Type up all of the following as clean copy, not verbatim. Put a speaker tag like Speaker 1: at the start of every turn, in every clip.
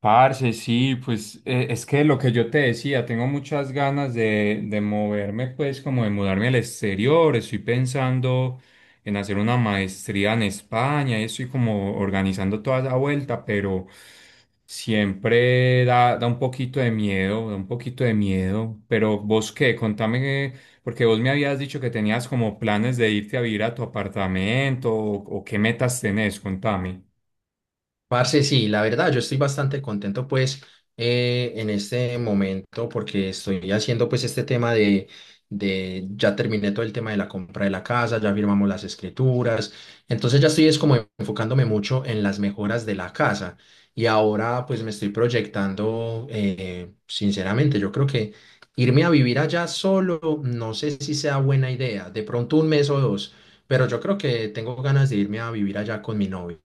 Speaker 1: Parce, sí, pues es que lo que yo te decía, tengo muchas ganas de moverme, pues como de mudarme al exterior, estoy pensando en hacer una maestría en España y estoy como organizando toda esa vuelta, pero siempre da un poquito de miedo, da un poquito de miedo, pero vos qué, contame, porque vos me habías dicho que tenías como planes de irte a vivir a tu apartamento o qué metas tenés, contame.
Speaker 2: Parce, sí, la verdad, yo estoy bastante contento pues en este momento porque estoy haciendo pues este tema ya terminé todo el tema de la compra de la casa, ya firmamos las escrituras, entonces ya estoy es como enfocándome mucho en las mejoras de la casa y ahora pues me estoy proyectando, sinceramente, yo creo que irme a vivir allá solo, no sé si sea buena idea, de pronto un mes o dos, pero yo creo que tengo ganas de irme a vivir allá con mi novia.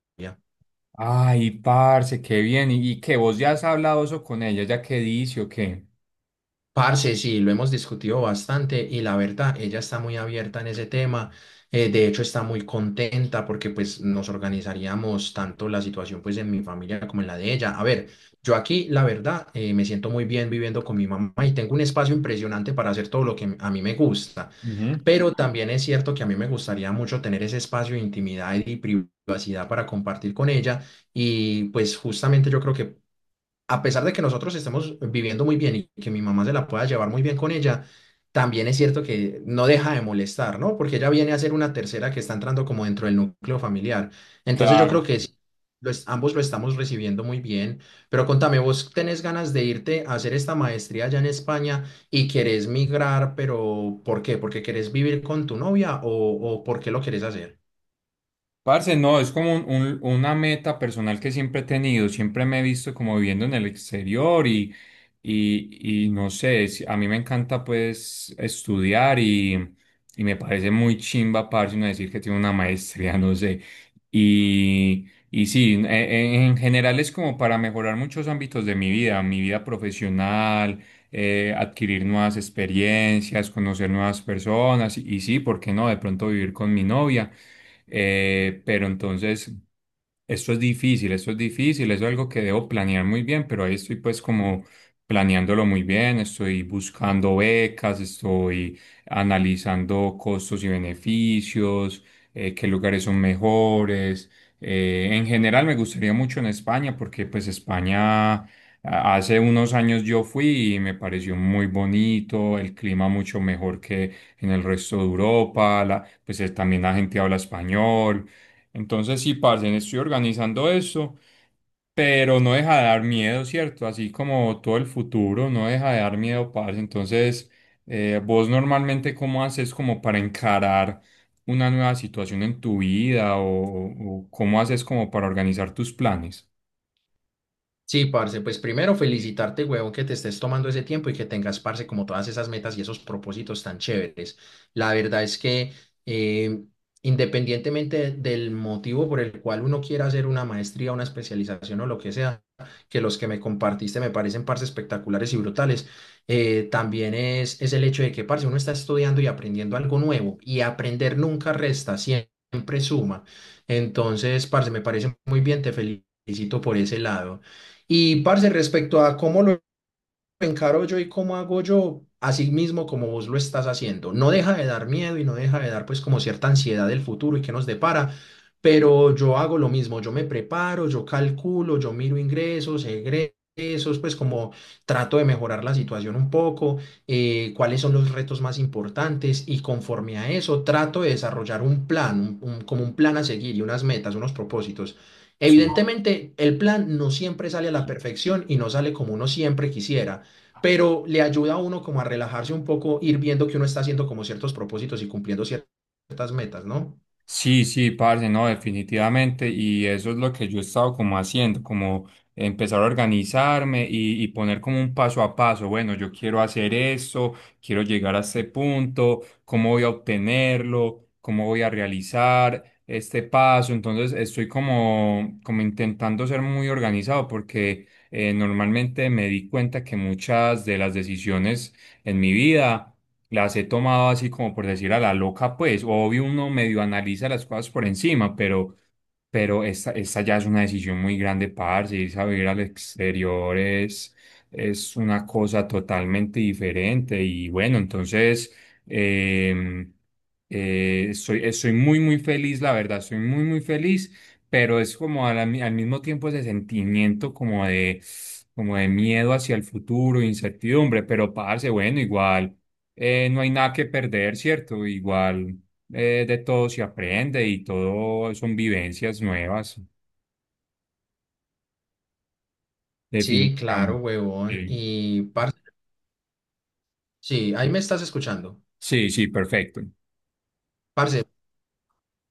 Speaker 1: Ay, parce, qué bien. Y qué? ¿Vos ya has hablado eso con ella? ¿Ya qué dice o qué?
Speaker 2: Parce, sí, lo hemos discutido bastante y la verdad, ella está muy abierta en ese tema. De hecho, está muy contenta porque pues nos organizaríamos tanto la situación pues en mi familia como en la de ella. A ver, yo aquí, la verdad, me siento muy bien viviendo con mi mamá y tengo un espacio impresionante para hacer todo lo que a mí me gusta.
Speaker 1: Ujú.
Speaker 2: Pero también es cierto que a mí me gustaría mucho tener ese espacio de intimidad y privacidad para compartir con ella. Y pues justamente yo creo que a pesar de que nosotros estemos viviendo muy bien y que mi mamá se la pueda llevar muy bien con ella, también es cierto que no deja de molestar, ¿no? Porque ella viene a ser una tercera que está entrando como dentro del núcleo familiar. Entonces yo creo
Speaker 1: Claro.
Speaker 2: que sí, ambos lo estamos recibiendo muy bien. Pero contame, ¿vos tenés ganas de irte a hacer esta maestría allá en España y querés migrar, pero ¿por qué? ¿Porque querés vivir con tu novia o por qué lo querés hacer?
Speaker 1: Parce, no, es como una meta personal que siempre he tenido. Siempre me he visto como viviendo en el exterior y no sé, a mí me encanta pues estudiar y me parece muy chimba, parce, uno decir que tiene una maestría, no sé. Y sí, en general es como para mejorar muchos ámbitos de mi vida profesional, adquirir nuevas experiencias, conocer nuevas personas y sí, ¿por qué no? De pronto vivir con mi novia. Pero entonces, esto es difícil, eso es algo que debo planear muy bien, pero ahí estoy pues como planeándolo muy bien, estoy buscando becas, estoy analizando costos y beneficios, qué lugares son mejores. En general me gustaría mucho en España porque pues Hace unos años yo fui y me pareció muy bonito, el clima mucho mejor que en el resto de Europa, pues también la gente habla español. Entonces sí, parce, estoy organizando eso, pero no deja de dar miedo, ¿cierto? Así como todo el futuro, no deja de dar miedo, parce. Entonces, vos normalmente cómo haces como para encarar una nueva situación en tu vida o cómo haces como para organizar tus planes?
Speaker 2: Sí, parce, pues primero felicitarte, huevón, que te estés tomando ese tiempo y que tengas, parce, como todas esas metas y esos propósitos tan chéveres. La verdad es que eh, independientemente del motivo por el cual uno quiera hacer una maestría, una especialización o lo que sea, que los que me compartiste me parecen, parce, espectaculares y brutales, también es el hecho de que, parce, uno está estudiando y aprendiendo algo nuevo y aprender nunca resta, siempre suma. Entonces, parce, me parece muy bien, te felicito por ese lado. Y, parce, respecto a cómo lo encaro yo y cómo hago yo, así mismo como vos lo estás haciendo. No deja de dar miedo y no deja de dar pues como cierta ansiedad del futuro y qué nos depara, pero yo hago lo mismo, yo me preparo, yo calculo, yo miro ingresos, egresos, pues como trato de mejorar la situación un poco, cuáles son los retos más importantes y conforme a eso trato de desarrollar un plan, como un plan a seguir y unas metas, unos propósitos.
Speaker 1: Sí.
Speaker 2: Evidentemente, el plan no siempre sale a la perfección y no sale como uno siempre quisiera, pero le ayuda a uno como a relajarse un poco, ir viendo que uno está haciendo como ciertos propósitos y cumpliendo ciertas metas, ¿no?
Speaker 1: Sí, sí, parce, no, definitivamente. Y eso es lo que yo he estado como haciendo, como empezar a organizarme y poner como un paso a paso. Bueno, yo quiero hacer esto, quiero llegar a este punto, cómo voy a obtenerlo, cómo voy a realizar este paso. Entonces estoy como intentando ser muy organizado porque normalmente me di cuenta que muchas de las decisiones en mi vida las he tomado así como por decir a la loca, pues obvio uno medio analiza las cosas por encima, pero esta ya es una decisión muy grande, parce, irse a vivir al exterior es una cosa totalmente diferente y bueno, entonces em, estoy, muy feliz, la verdad, muy feliz, pero es como a mismo tiempo ese sentimiento como de miedo hacia el futuro, incertidumbre, pero parce, bueno, igual, no hay nada que perder, ¿cierto? Igual, de todo se aprende y todo son vivencias nuevas,
Speaker 2: Sí, claro,
Speaker 1: definitivamente.
Speaker 2: huevón.
Speaker 1: Sí,
Speaker 2: Y, parce, sí, ahí me estás escuchando.
Speaker 1: sí, sí, perfecto.
Speaker 2: Parce,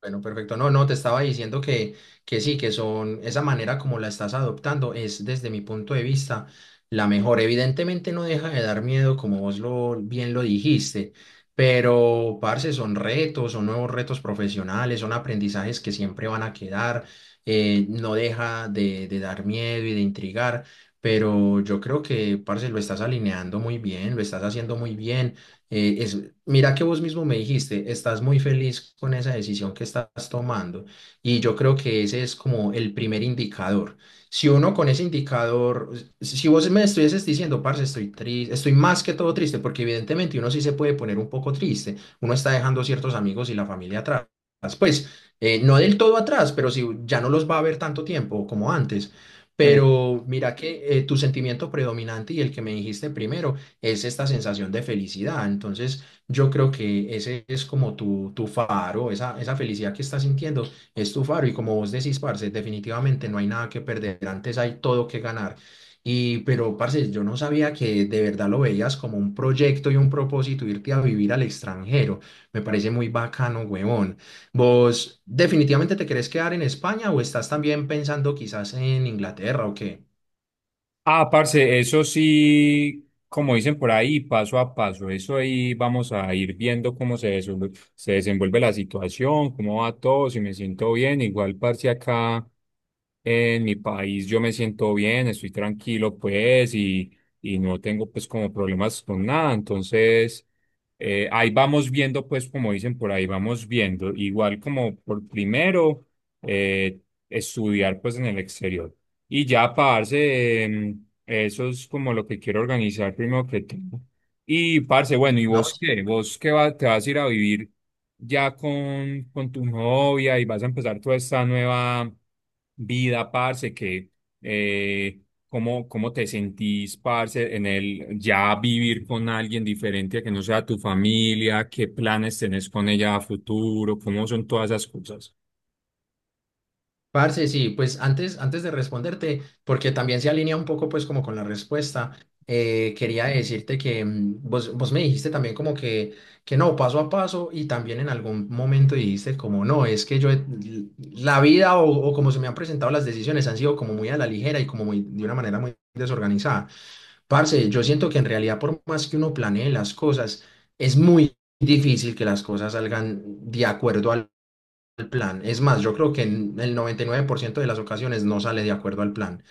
Speaker 2: bueno, perfecto. No, no, te estaba diciendo que sí, esa manera como la estás adoptando es desde mi punto de vista la mejor. Evidentemente no deja de dar miedo, como vos bien lo dijiste, pero, parce, son retos, son nuevos retos profesionales, son aprendizajes que siempre van a quedar. No deja de dar miedo y de intrigar, pero yo creo que, parce, lo estás alineando muy bien, lo estás haciendo muy bien. eh, es, Mira que vos mismo me dijiste, estás muy feliz con esa decisión que estás tomando y yo creo que ese es como el primer indicador. Si uno con ese indicador, si vos me estuvieses diciendo, parce, estoy triste, estoy más que todo triste, porque evidentemente uno sí se puede poner un poco triste, uno está dejando ciertos amigos y la familia atrás, pues no del todo atrás, pero si ya no los va a ver tanto tiempo como antes. Pero mira que tu sentimiento predominante y el que me dijiste primero es esta sensación de felicidad. Entonces, yo creo que ese es como tu faro, esa felicidad que estás sintiendo es tu faro. Y como vos decís, parce, definitivamente no hay nada que perder, antes hay todo que ganar. Pero, parce, yo no sabía que de verdad lo veías como un proyecto y un propósito irte a vivir al extranjero. Me parece muy bacano, huevón. ¿Vos definitivamente te querés quedar en España o estás también pensando quizás en Inglaterra o qué?
Speaker 1: Ah, parce, eso sí, como dicen por ahí, paso a paso, eso ahí vamos a ir viendo cómo se desenvuelve la situación, cómo va todo, si me siento bien. Igual, parce, acá en mi país yo me siento bien, estoy tranquilo, pues, y no tengo, pues, como problemas con nada. Entonces, ahí vamos viendo, pues, como dicen por ahí, vamos viendo. Igual como por primero, eh, estudiar, pues, en el exterior. Y ya, parce, eso es como lo que quiero organizar primero que todo. Y, parce, bueno, ¿y
Speaker 2: No,
Speaker 1: vos qué? ¿Vos te vas a ir a vivir ya con tu novia y vas a empezar toda esta nueva vida, parce? Que, eh, ¿cómo, cómo te sentís, parce, en el ya vivir con alguien diferente a que no sea tu familia? ¿Qué planes tenés con ella a futuro? ¿Cómo son todas esas cosas?
Speaker 2: parce, sí, pues antes de responderte, porque también se alinea un poco pues como con la respuesta, quería decirte que vos me dijiste también como que no, paso a paso y también en algún momento dijiste como no, es que yo, la vida o como se me han presentado las decisiones han sido como muy a la ligera y como muy de una manera muy desorganizada. Parce, yo siento que en realidad por más que uno planee las cosas, es muy difícil que las cosas salgan de acuerdo al plan. Es más, yo creo que en el 99% de las ocasiones no sale de acuerdo al plan.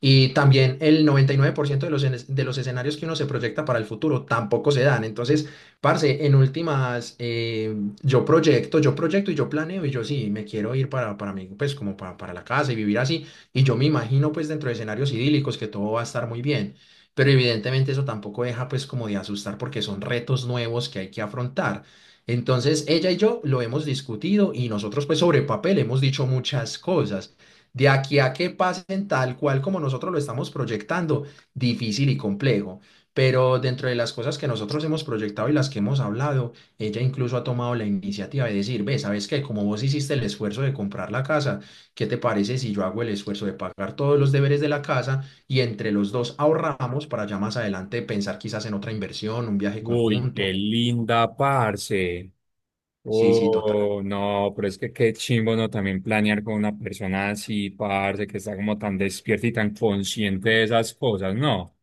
Speaker 2: Y también el 99% de de los escenarios que uno se proyecta para el futuro tampoco se dan. Entonces, parce, en últimas, yo proyecto y yo planeo y yo sí, me quiero ir para mí, pues como para la casa y vivir así. Y yo me imagino pues dentro de escenarios idílicos que todo va a estar muy bien. Pero evidentemente eso tampoco deja pues como de asustar porque son retos nuevos que hay que afrontar. Entonces, ella y yo lo hemos discutido y nosotros pues sobre papel hemos dicho muchas cosas de aquí a que pasen tal cual como nosotros lo estamos proyectando, difícil y complejo. Pero dentro de las cosas que nosotros hemos proyectado y las que hemos hablado, ella incluso ha tomado la iniciativa de decir, ve, ¿sabes qué? Como vos hiciste el esfuerzo de comprar la casa, ¿qué te parece si yo hago el esfuerzo de pagar todos los deberes de la casa y entre los dos ahorramos para ya más adelante pensar quizás en otra inversión, un viaje
Speaker 1: Uy, qué
Speaker 2: conjunto?
Speaker 1: linda, parce.
Speaker 2: Sí, sí, total.
Speaker 1: Oh, no, pero es que qué chimbo, ¿no? También planear con una persona así, parce, que está como tan despierta y tan consciente de esas cosas, ¿no?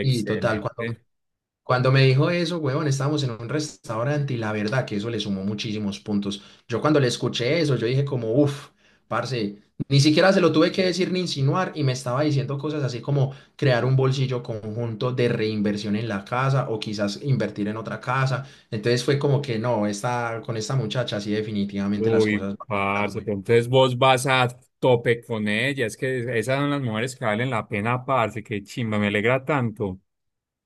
Speaker 2: Y total, cuando me dijo eso, huevón, estábamos en un restaurante y la verdad que eso le sumó muchísimos puntos. Yo cuando le escuché eso, yo dije como, uff, parce, ni siquiera se lo tuve que decir ni insinuar y me estaba diciendo cosas así como crear un bolsillo conjunto de reinversión en la casa o quizás invertir en otra casa. Entonces fue como que no, con esta muchacha sí definitivamente las
Speaker 1: Uy,
Speaker 2: cosas van andando
Speaker 1: parce,
Speaker 2: muy
Speaker 1: pero
Speaker 2: bien.
Speaker 1: entonces vos vas a tope con ella, es que esas son las mujeres que valen la pena, parce, qué chimba, me alegra tanto.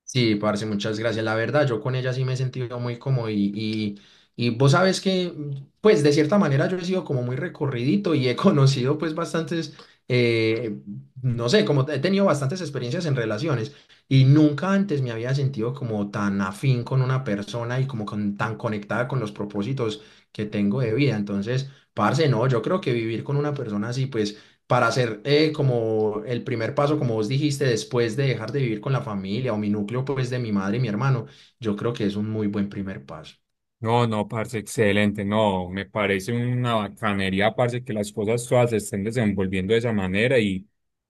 Speaker 2: Sí, parce, muchas gracias. La verdad, yo con ella sí me he sentido muy cómodo y vos sabes que, pues de cierta manera yo he sido como muy recorridito y he conocido pues bastantes, eh, no sé, como he tenido bastantes experiencias en relaciones y nunca antes me había sentido como tan afín con una persona y como tan conectada con los propósitos que tengo de vida. Entonces, parce, no, yo creo que vivir con una persona así, pues para hacer como el primer paso, como vos dijiste, después de dejar de vivir con la familia o mi núcleo, pues de mi madre y mi hermano, yo creo que es un muy buen primer paso.
Speaker 1: No, no, parce, excelente. No, me parece una bacanería, parce, que las cosas todas se estén desenvolviendo de esa manera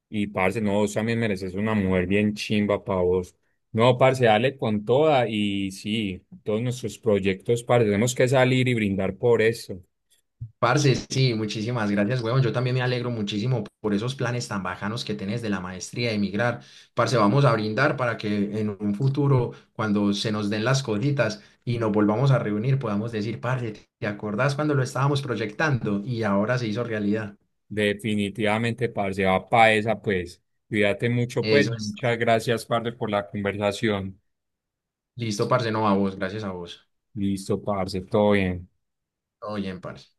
Speaker 1: y parce, no, vos también mereces una mujer bien chimba para vos. No, parce, dale con toda y sí, todos nuestros proyectos, parce, tenemos que salir y brindar por eso.
Speaker 2: Parce, sí, muchísimas gracias, huevón. Yo también me alegro muchísimo por esos planes tan bajanos que tenés de la maestría de emigrar. Parce, vamos a brindar para que en un futuro, cuando se nos den las cositas y nos volvamos a reunir, podamos decir, parce, ¿te acordás cuando lo estábamos proyectando y ahora se hizo realidad?
Speaker 1: Definitivamente, parce, va para esa, pues. Cuídate mucho, pues.
Speaker 2: Eso es.
Speaker 1: Muchas gracias, parce, por la conversación.
Speaker 2: Listo, parce, no a vos, gracias a vos.
Speaker 1: Listo, parce, todo bien.
Speaker 2: Todo bien, parce.